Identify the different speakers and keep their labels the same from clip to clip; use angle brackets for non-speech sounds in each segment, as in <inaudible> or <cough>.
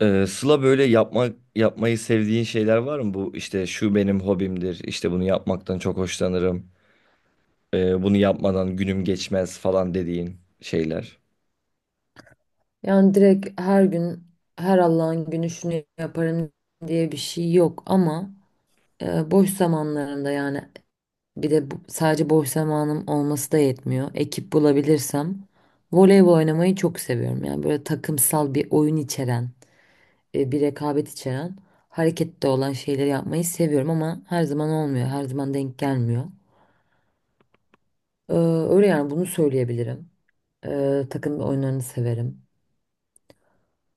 Speaker 1: Sıla böyle yapmayı sevdiğin şeyler var mı? Bu işte şu benim hobimdir, işte bunu yapmaktan çok hoşlanırım, bunu yapmadan günüm geçmez falan dediğin şeyler.
Speaker 2: Yani direkt her gün her Allah'ın günü şunu yaparım diye bir şey yok ama boş zamanlarımda yani bir de sadece boş zamanım olması da yetmiyor. Ekip bulabilirsem voleybol oynamayı çok seviyorum. Yani böyle takımsal bir oyun içeren, bir rekabet içeren, harekette olan şeyleri yapmayı seviyorum ama her zaman olmuyor, her zaman denk gelmiyor. Ee, Öyle yani bunu söyleyebilirim. Takım oyunlarını severim.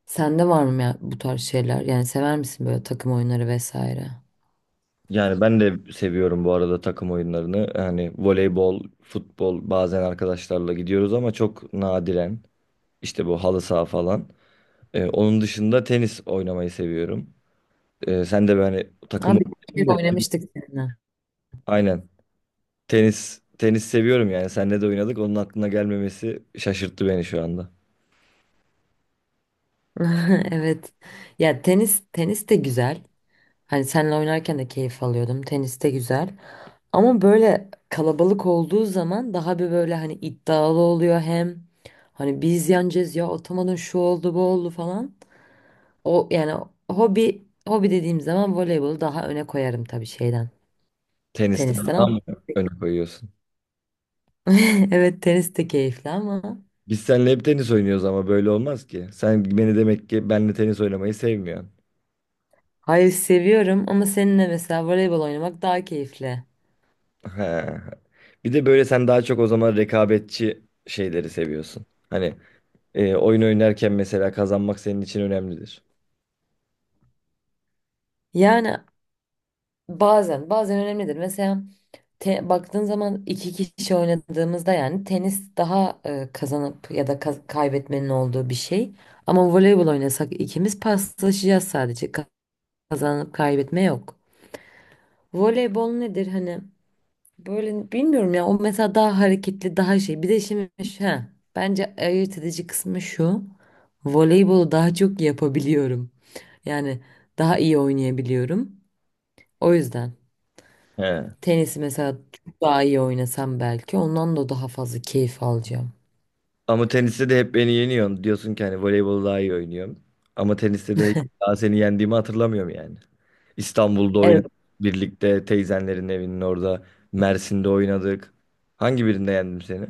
Speaker 2: Sende var mı ya bu tarz şeyler? Yani sever misin böyle takım oyunları vesaire?
Speaker 1: Yani ben de seviyorum bu arada takım oyunlarını. Yani voleybol, futbol bazen arkadaşlarla gidiyoruz ama çok nadiren. İşte bu halı saha falan. Onun dışında tenis oynamayı seviyorum. Sen de böyle hani takım
Speaker 2: Abi bir kere
Speaker 1: oyunu-
Speaker 2: oynamıştık seninle.
Speaker 1: Aynen. Tenis seviyorum yani. Seninle de oynadık. Onun aklına gelmemesi şaşırttı beni şu anda.
Speaker 2: <laughs> Evet. Ya tenis tenis de güzel. Hani seninle oynarken de keyif alıyordum. Tenis de güzel. Ama böyle kalabalık olduğu zaman daha bir böyle hani iddialı oluyor, hem hani biz yeneceğiz ya, atamadın şu oldu bu oldu falan. O yani hobi hobi dediğim zaman voleybolu daha öne koyarım tabii şeyden.
Speaker 1: Tenisten
Speaker 2: Tenisten
Speaker 1: daha
Speaker 2: ama
Speaker 1: mı öne koyuyorsun?
Speaker 2: <laughs> evet tenis de keyifli ama.
Speaker 1: Biz seninle hep tenis oynuyoruz ama böyle olmaz ki. Sen beni demek ki benle tenis oynamayı sevmiyorsun.
Speaker 2: Hayır seviyorum ama seninle mesela voleybol oynamak daha keyifli.
Speaker 1: He. Bir de böyle sen daha çok o zaman rekabetçi şeyleri seviyorsun. Hani oyun oynarken mesela kazanmak senin için önemlidir.
Speaker 2: Yani bazen bazen önemlidir. Mesela baktığın zaman iki kişi oynadığımızda yani tenis daha kazanıp ya da kaybetmenin olduğu bir şey. Ama voleybol oynasak ikimiz paslaşacağız sadece. Kazanıp kaybetme yok. Voleybol nedir hani? Böyle bilmiyorum ya, o mesela daha hareketli daha şey. Bir de şimdi ha, bence ayırt edici kısmı şu. Voleybolu daha çok yapabiliyorum. Yani daha iyi oynayabiliyorum. O yüzden
Speaker 1: He.
Speaker 2: tenisi mesela çok daha iyi oynasam belki ondan da daha fazla keyif alacağım.
Speaker 1: Ama teniste de hep beni yeniyorsun. Diyorsun ki hani voleybolu daha iyi oynuyorum. Ama teniste de hiç daha seni yendiğimi hatırlamıyorum yani. İstanbul'da oynadık.
Speaker 2: Evet.
Speaker 1: Birlikte teyzenlerin evinin orada. Mersin'de oynadık. Hangi birinde yendim seni?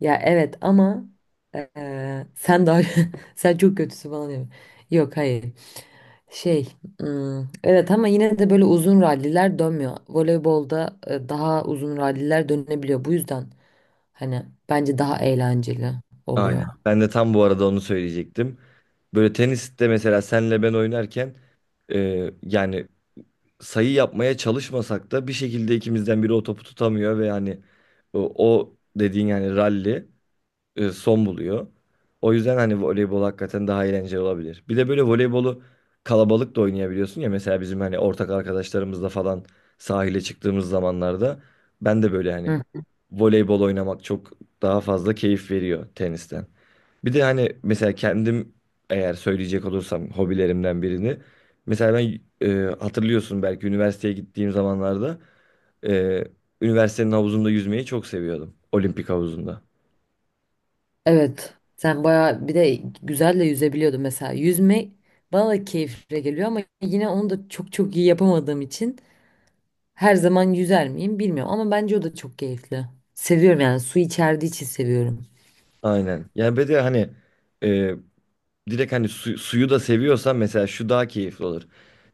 Speaker 2: Ya evet ama sen daha <laughs> sen çok kötüsü bana diyor. Yok hayır. Şey, evet ama yine de böyle uzun ralliler dönmüyor. Voleybolda daha uzun ralliler dönebiliyor. Bu yüzden hani bence daha eğlenceli
Speaker 1: Aynen.
Speaker 2: oluyor.
Speaker 1: Ben de tam bu arada onu söyleyecektim. Böyle teniste mesela senle ben oynarken yani sayı yapmaya çalışmasak da bir şekilde ikimizden biri o topu tutamıyor ve yani o dediğin yani ralli son buluyor. O yüzden hani voleybol hakikaten daha eğlenceli olabilir. Bir de böyle voleybolu kalabalık da oynayabiliyorsun ya mesela bizim hani ortak arkadaşlarımızla falan sahile çıktığımız zamanlarda ben de böyle hani
Speaker 2: Hı.
Speaker 1: voleybol oynamak çok daha fazla keyif veriyor tenisten. Bir de hani mesela kendim eğer söyleyecek olursam hobilerimden birini mesela ben hatırlıyorsun belki üniversiteye gittiğim zamanlarda e, üniversitenin havuzunda yüzmeyi çok seviyordum. Olimpik havuzunda.
Speaker 2: Evet. Sen bayağı bir de güzel de yüzebiliyordun mesela. Yüzme bana da keyifli geliyor ama yine onu da çok çok iyi yapamadığım için her zaman yüzer miyim bilmiyorum ama bence o da çok keyifli. Seviyorum yani, su içerdiği için seviyorum.
Speaker 1: Aynen. Yani bir de hani e, direkt hani suyu da seviyorsan mesela şu daha keyifli olur.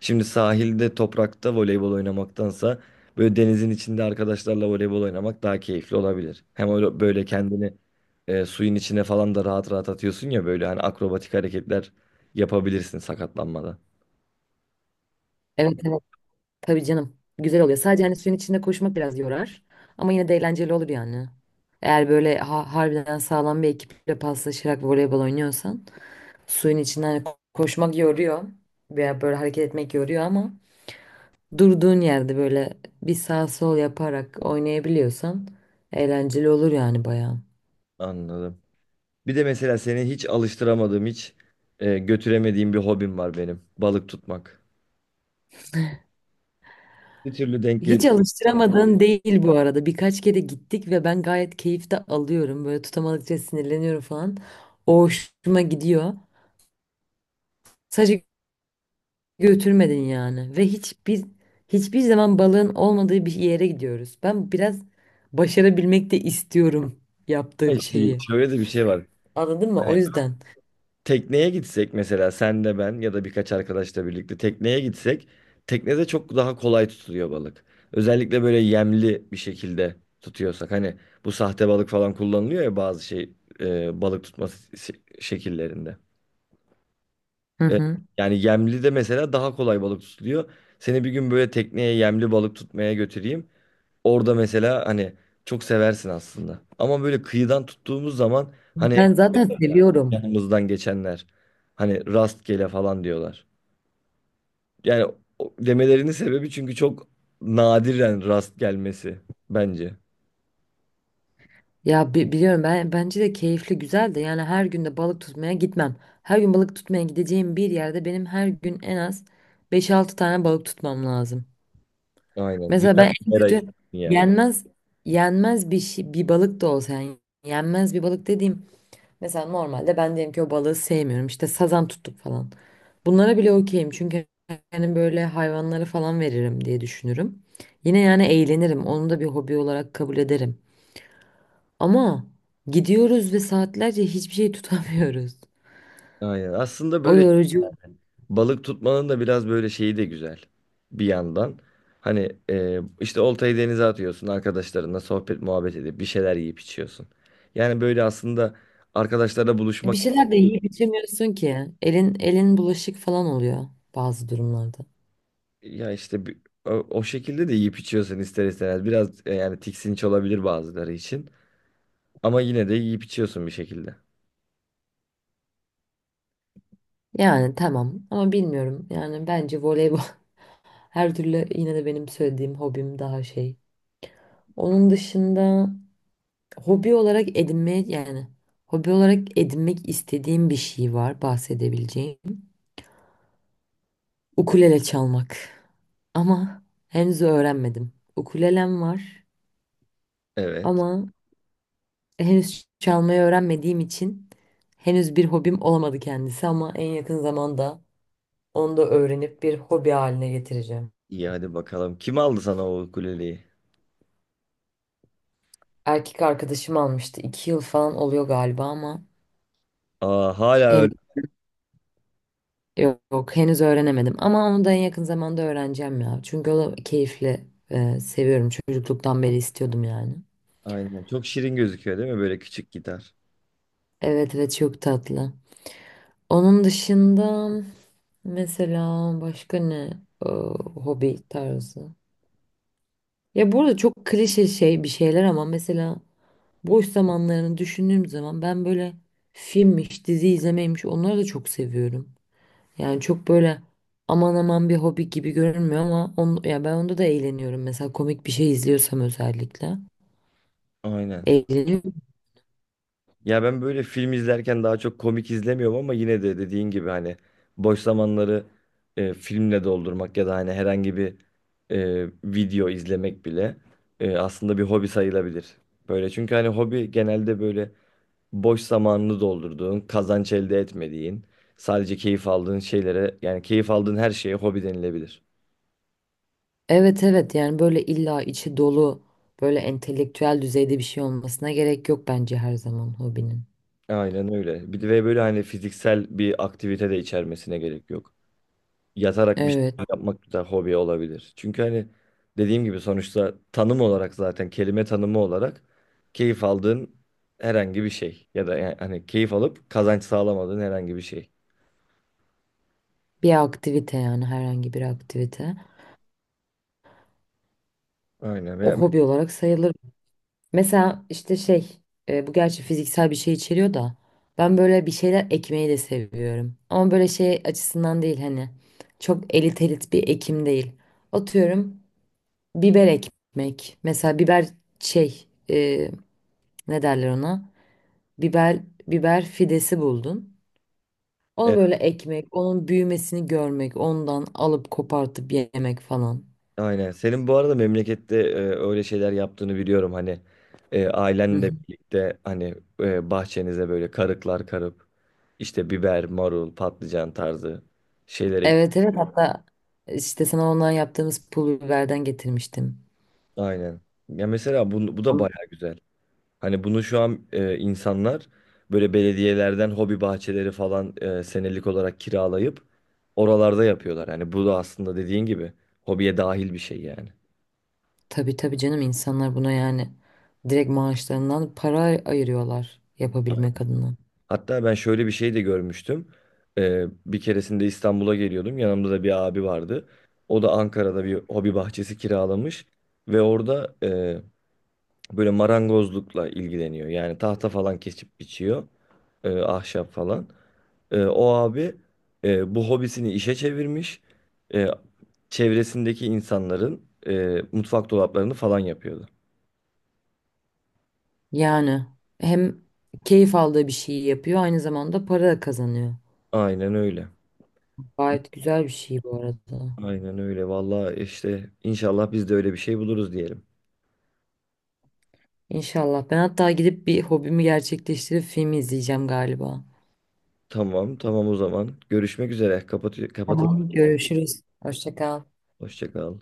Speaker 1: Şimdi sahilde toprakta voleybol oynamaktansa böyle denizin içinde arkadaşlarla voleybol oynamak daha keyifli olabilir. Hem öyle böyle kendini suyun içine falan da rahat rahat atıyorsun ya böyle hani akrobatik hareketler yapabilirsin sakatlanmadan.
Speaker 2: Evet evet. Tabii canım. Güzel oluyor. Sadece hani suyun içinde koşmak biraz yorar. Ama yine de eğlenceli olur yani. Eğer böyle harbiden sağlam bir ekiple paslaşarak voleybol oynuyorsan suyun içinden hani koşmak yoruyor veya böyle hareket etmek yoruyor ama durduğun yerde böyle bir sağ sol yaparak oynayabiliyorsan eğlenceli olur yani bayağı.
Speaker 1: Anladım. Bir de mesela seni hiç alıştıramadığım, hiç götüremediğim bir hobim var benim. Balık tutmak. Bir türlü denk
Speaker 2: Hiç
Speaker 1: gelip
Speaker 2: alıştıramadığın değil bu arada. Birkaç kere gittik ve ben gayet keyif de alıyorum. Böyle tutamadıkça sinirleniyorum falan. O hoşuma gidiyor. Sadece götürmedin yani, ve hiçbir zaman balığın olmadığı bir yere gidiyoruz. Ben biraz başarabilmek de istiyorum yaptığım
Speaker 1: işte
Speaker 2: şeyi.
Speaker 1: şöyle de bir şey var.
Speaker 2: Anladın mı?
Speaker 1: Hani
Speaker 2: O yüzden.
Speaker 1: tekneye gitsek mesela sen de ben ya da birkaç arkadaşla birlikte tekneye gitsek teknede çok daha kolay tutuluyor balık. Özellikle böyle yemli bir şekilde tutuyorsak hani bu sahte balık falan kullanılıyor ya bazı şey balık tutma şekillerinde.
Speaker 2: Hı
Speaker 1: E,
Speaker 2: hı.
Speaker 1: Yani yemli de mesela daha kolay balık tutuluyor. Seni bir gün böyle tekneye yemli balık tutmaya götüreyim. Orada mesela hani çok seversin aslında. Ama böyle kıyıdan tuttuğumuz zaman hani hep
Speaker 2: Ben zaten seviyorum.
Speaker 1: yanımızdan geçenler hani rastgele falan diyorlar. Yani demelerinin sebebi çünkü çok nadiren rast gelmesi bence.
Speaker 2: Ya biliyorum, ben bence de keyifli, güzel de, yani her gün de balık tutmaya gitmem. Her gün balık tutmaya gideceğim bir yerde benim her gün en az beş altı tane balık tutmam lazım.
Speaker 1: Aynen.
Speaker 2: Mesela
Speaker 1: Güzel
Speaker 2: ben en
Speaker 1: bir mera
Speaker 2: kötü
Speaker 1: yani.
Speaker 2: yenmez yenmez bir şey, bir balık da olsa yani yenmez bir balık dediğim. Mesela normalde ben diyelim ki o balığı sevmiyorum. İşte sazan tuttuk falan. Bunlara bile okeyim. Çünkü yani böyle hayvanlara falan veririm diye düşünürüm. Yine yani eğlenirim. Onu da bir hobi olarak kabul ederim. Ama gidiyoruz ve saatlerce hiçbir şey <laughs> tutamıyoruz.
Speaker 1: Aynen. Aslında
Speaker 2: O
Speaker 1: böyle
Speaker 2: yorucu.
Speaker 1: balık tutmanın da biraz böyle şeyi de güzel bir yandan. Hani işte oltayı denize atıyorsun arkadaşlarınla sohbet muhabbet edip bir şeyler yiyip içiyorsun. Yani böyle aslında arkadaşlarla
Speaker 2: Bir
Speaker 1: buluşmak
Speaker 2: şeyler de yiyip içemiyorsun ki. Elin elin bulaşık falan oluyor bazı durumlarda.
Speaker 1: ya işte o şekilde de yiyip içiyorsun ister istemez. Biraz yani tiksinç olabilir bazıları için ama yine de yiyip içiyorsun bir şekilde.
Speaker 2: Yani tamam ama bilmiyorum. Yani bence voleybol <laughs> her türlü yine de benim söylediğim hobim daha şey. Onun dışında hobi olarak edinmeye yani hobi olarak edinmek istediğim bir şey var, bahsedebileceğim. Ukulele çalmak. Ama henüz öğrenmedim. Ukulelem var
Speaker 1: Evet.
Speaker 2: ama henüz çalmayı öğrenmediğim için henüz bir hobim olamadı kendisi ama en yakın zamanda onu da öğrenip bir hobi haline getireceğim.
Speaker 1: İyi hadi bakalım. Kim aldı sana o ukuleleyi?
Speaker 2: Erkek arkadaşım almıştı. 2 yıl falan oluyor galiba ama.
Speaker 1: Aa hala öyle.
Speaker 2: Yok, henüz öğrenemedim ama onu da en yakın zamanda öğreneceğim ya. Çünkü o da keyifli. Seviyorum. Çocukluktan beri istiyordum yani.
Speaker 1: Aynen. Çok şirin gözüküyor değil mi böyle küçük gitar?
Speaker 2: Evet evet çok tatlı. Onun dışında mesela başka ne Ee, hobi tarzı? Ya burada çok klişe şey bir şeyler ama mesela boş zamanlarını düşündüğüm zaman ben böyle filmmiş, dizi izlemeymiş, onları da çok seviyorum. Yani çok böyle aman aman bir hobi gibi görünmüyor ama ya ben onda da eğleniyorum. Mesela komik bir şey izliyorsam özellikle.
Speaker 1: Aynen.
Speaker 2: Eğleniyorum.
Speaker 1: Ya ben böyle film izlerken daha çok komik izlemiyorum ama yine de dediğin gibi hani boş zamanları filmle doldurmak ya da hani herhangi bir video izlemek bile aslında bir hobi sayılabilir. Böyle çünkü hani hobi genelde böyle boş zamanını doldurduğun, kazanç elde etmediğin, sadece keyif aldığın şeylere yani keyif aldığın her şeye hobi denilebilir.
Speaker 2: Evet evet, yani böyle illa içi dolu böyle entelektüel düzeyde bir şey olmasına gerek yok bence her zaman hobinin.
Speaker 1: Aynen öyle. Bir de ve böyle hani fiziksel bir aktivite de içermesine gerek yok. Yatarak bir şey
Speaker 2: Evet,
Speaker 1: yapmak da hobi olabilir. Çünkü hani dediğim gibi sonuçta tanım olarak zaten kelime tanımı olarak keyif aldığın herhangi bir şey ya da yani hani keyif alıp kazanç sağlamadığın herhangi bir şey.
Speaker 2: bir aktivite yani, herhangi bir aktivite.
Speaker 1: Aynen.
Speaker 2: O hobi olarak sayılır. Mesela işte şey bu gerçi fiziksel bir şey içeriyor da, ben böyle bir şeyler ekmeyi de seviyorum. Ama böyle şey açısından değil hani, çok elit elit bir ekim değil. Atıyorum biber ekmek. Mesela biber şey ne derler ona? Biber biber fidesi buldun. Onu böyle ekmek, onun büyümesini görmek, ondan alıp kopartıp yemek falan.
Speaker 1: Aynen. Senin bu arada memlekette öyle şeyler yaptığını biliyorum. Hani
Speaker 2: Hı hı.
Speaker 1: ailenle birlikte hani bahçenize böyle karıklar karıp işte biber, marul, patlıcan tarzı şeyler ek.
Speaker 2: Evet evet, hatta işte sana ondan yaptığımız pul biberden getirmiştim.
Speaker 1: Aynen. Ya mesela bu, bu da baya güzel. Hani bunu şu an insanlar böyle belediyelerden hobi bahçeleri falan senelik olarak kiralayıp oralarda yapıyorlar. Hani bu da aslında dediğin gibi hobiye dahil bir şey yani.
Speaker 2: Tabii tabii canım, insanlar buna yani direkt maaşlarından para ayırıyorlar yapabilmek adına.
Speaker 1: Hatta ben şöyle bir şey de görmüştüm. Bir keresinde İstanbul'a geliyordum. Yanımda da bir abi vardı. O da Ankara'da bir hobi bahçesi kiralamış. Ve orada böyle marangozlukla ilgileniyor. Yani tahta falan kesip biçiyor. Ahşap falan. O abi bu hobisini işe çevirmiş. E, Çevresindeki insanların mutfak dolaplarını falan yapıyordu.
Speaker 2: Yani hem keyif aldığı bir şeyi yapıyor aynı zamanda para da kazanıyor.
Speaker 1: Aynen öyle.
Speaker 2: Gayet güzel bir şey bu arada.
Speaker 1: Aynen öyle. Vallahi işte inşallah biz de öyle bir şey buluruz diyelim.
Speaker 2: İnşallah. Ben hatta gidip bir hobimi gerçekleştirip film izleyeceğim galiba.
Speaker 1: Tamam, tamam o zaman. Görüşmek üzere. Kapatalım.
Speaker 2: Tamam, görüşürüz. Hoşça kal.
Speaker 1: Hoşça kal.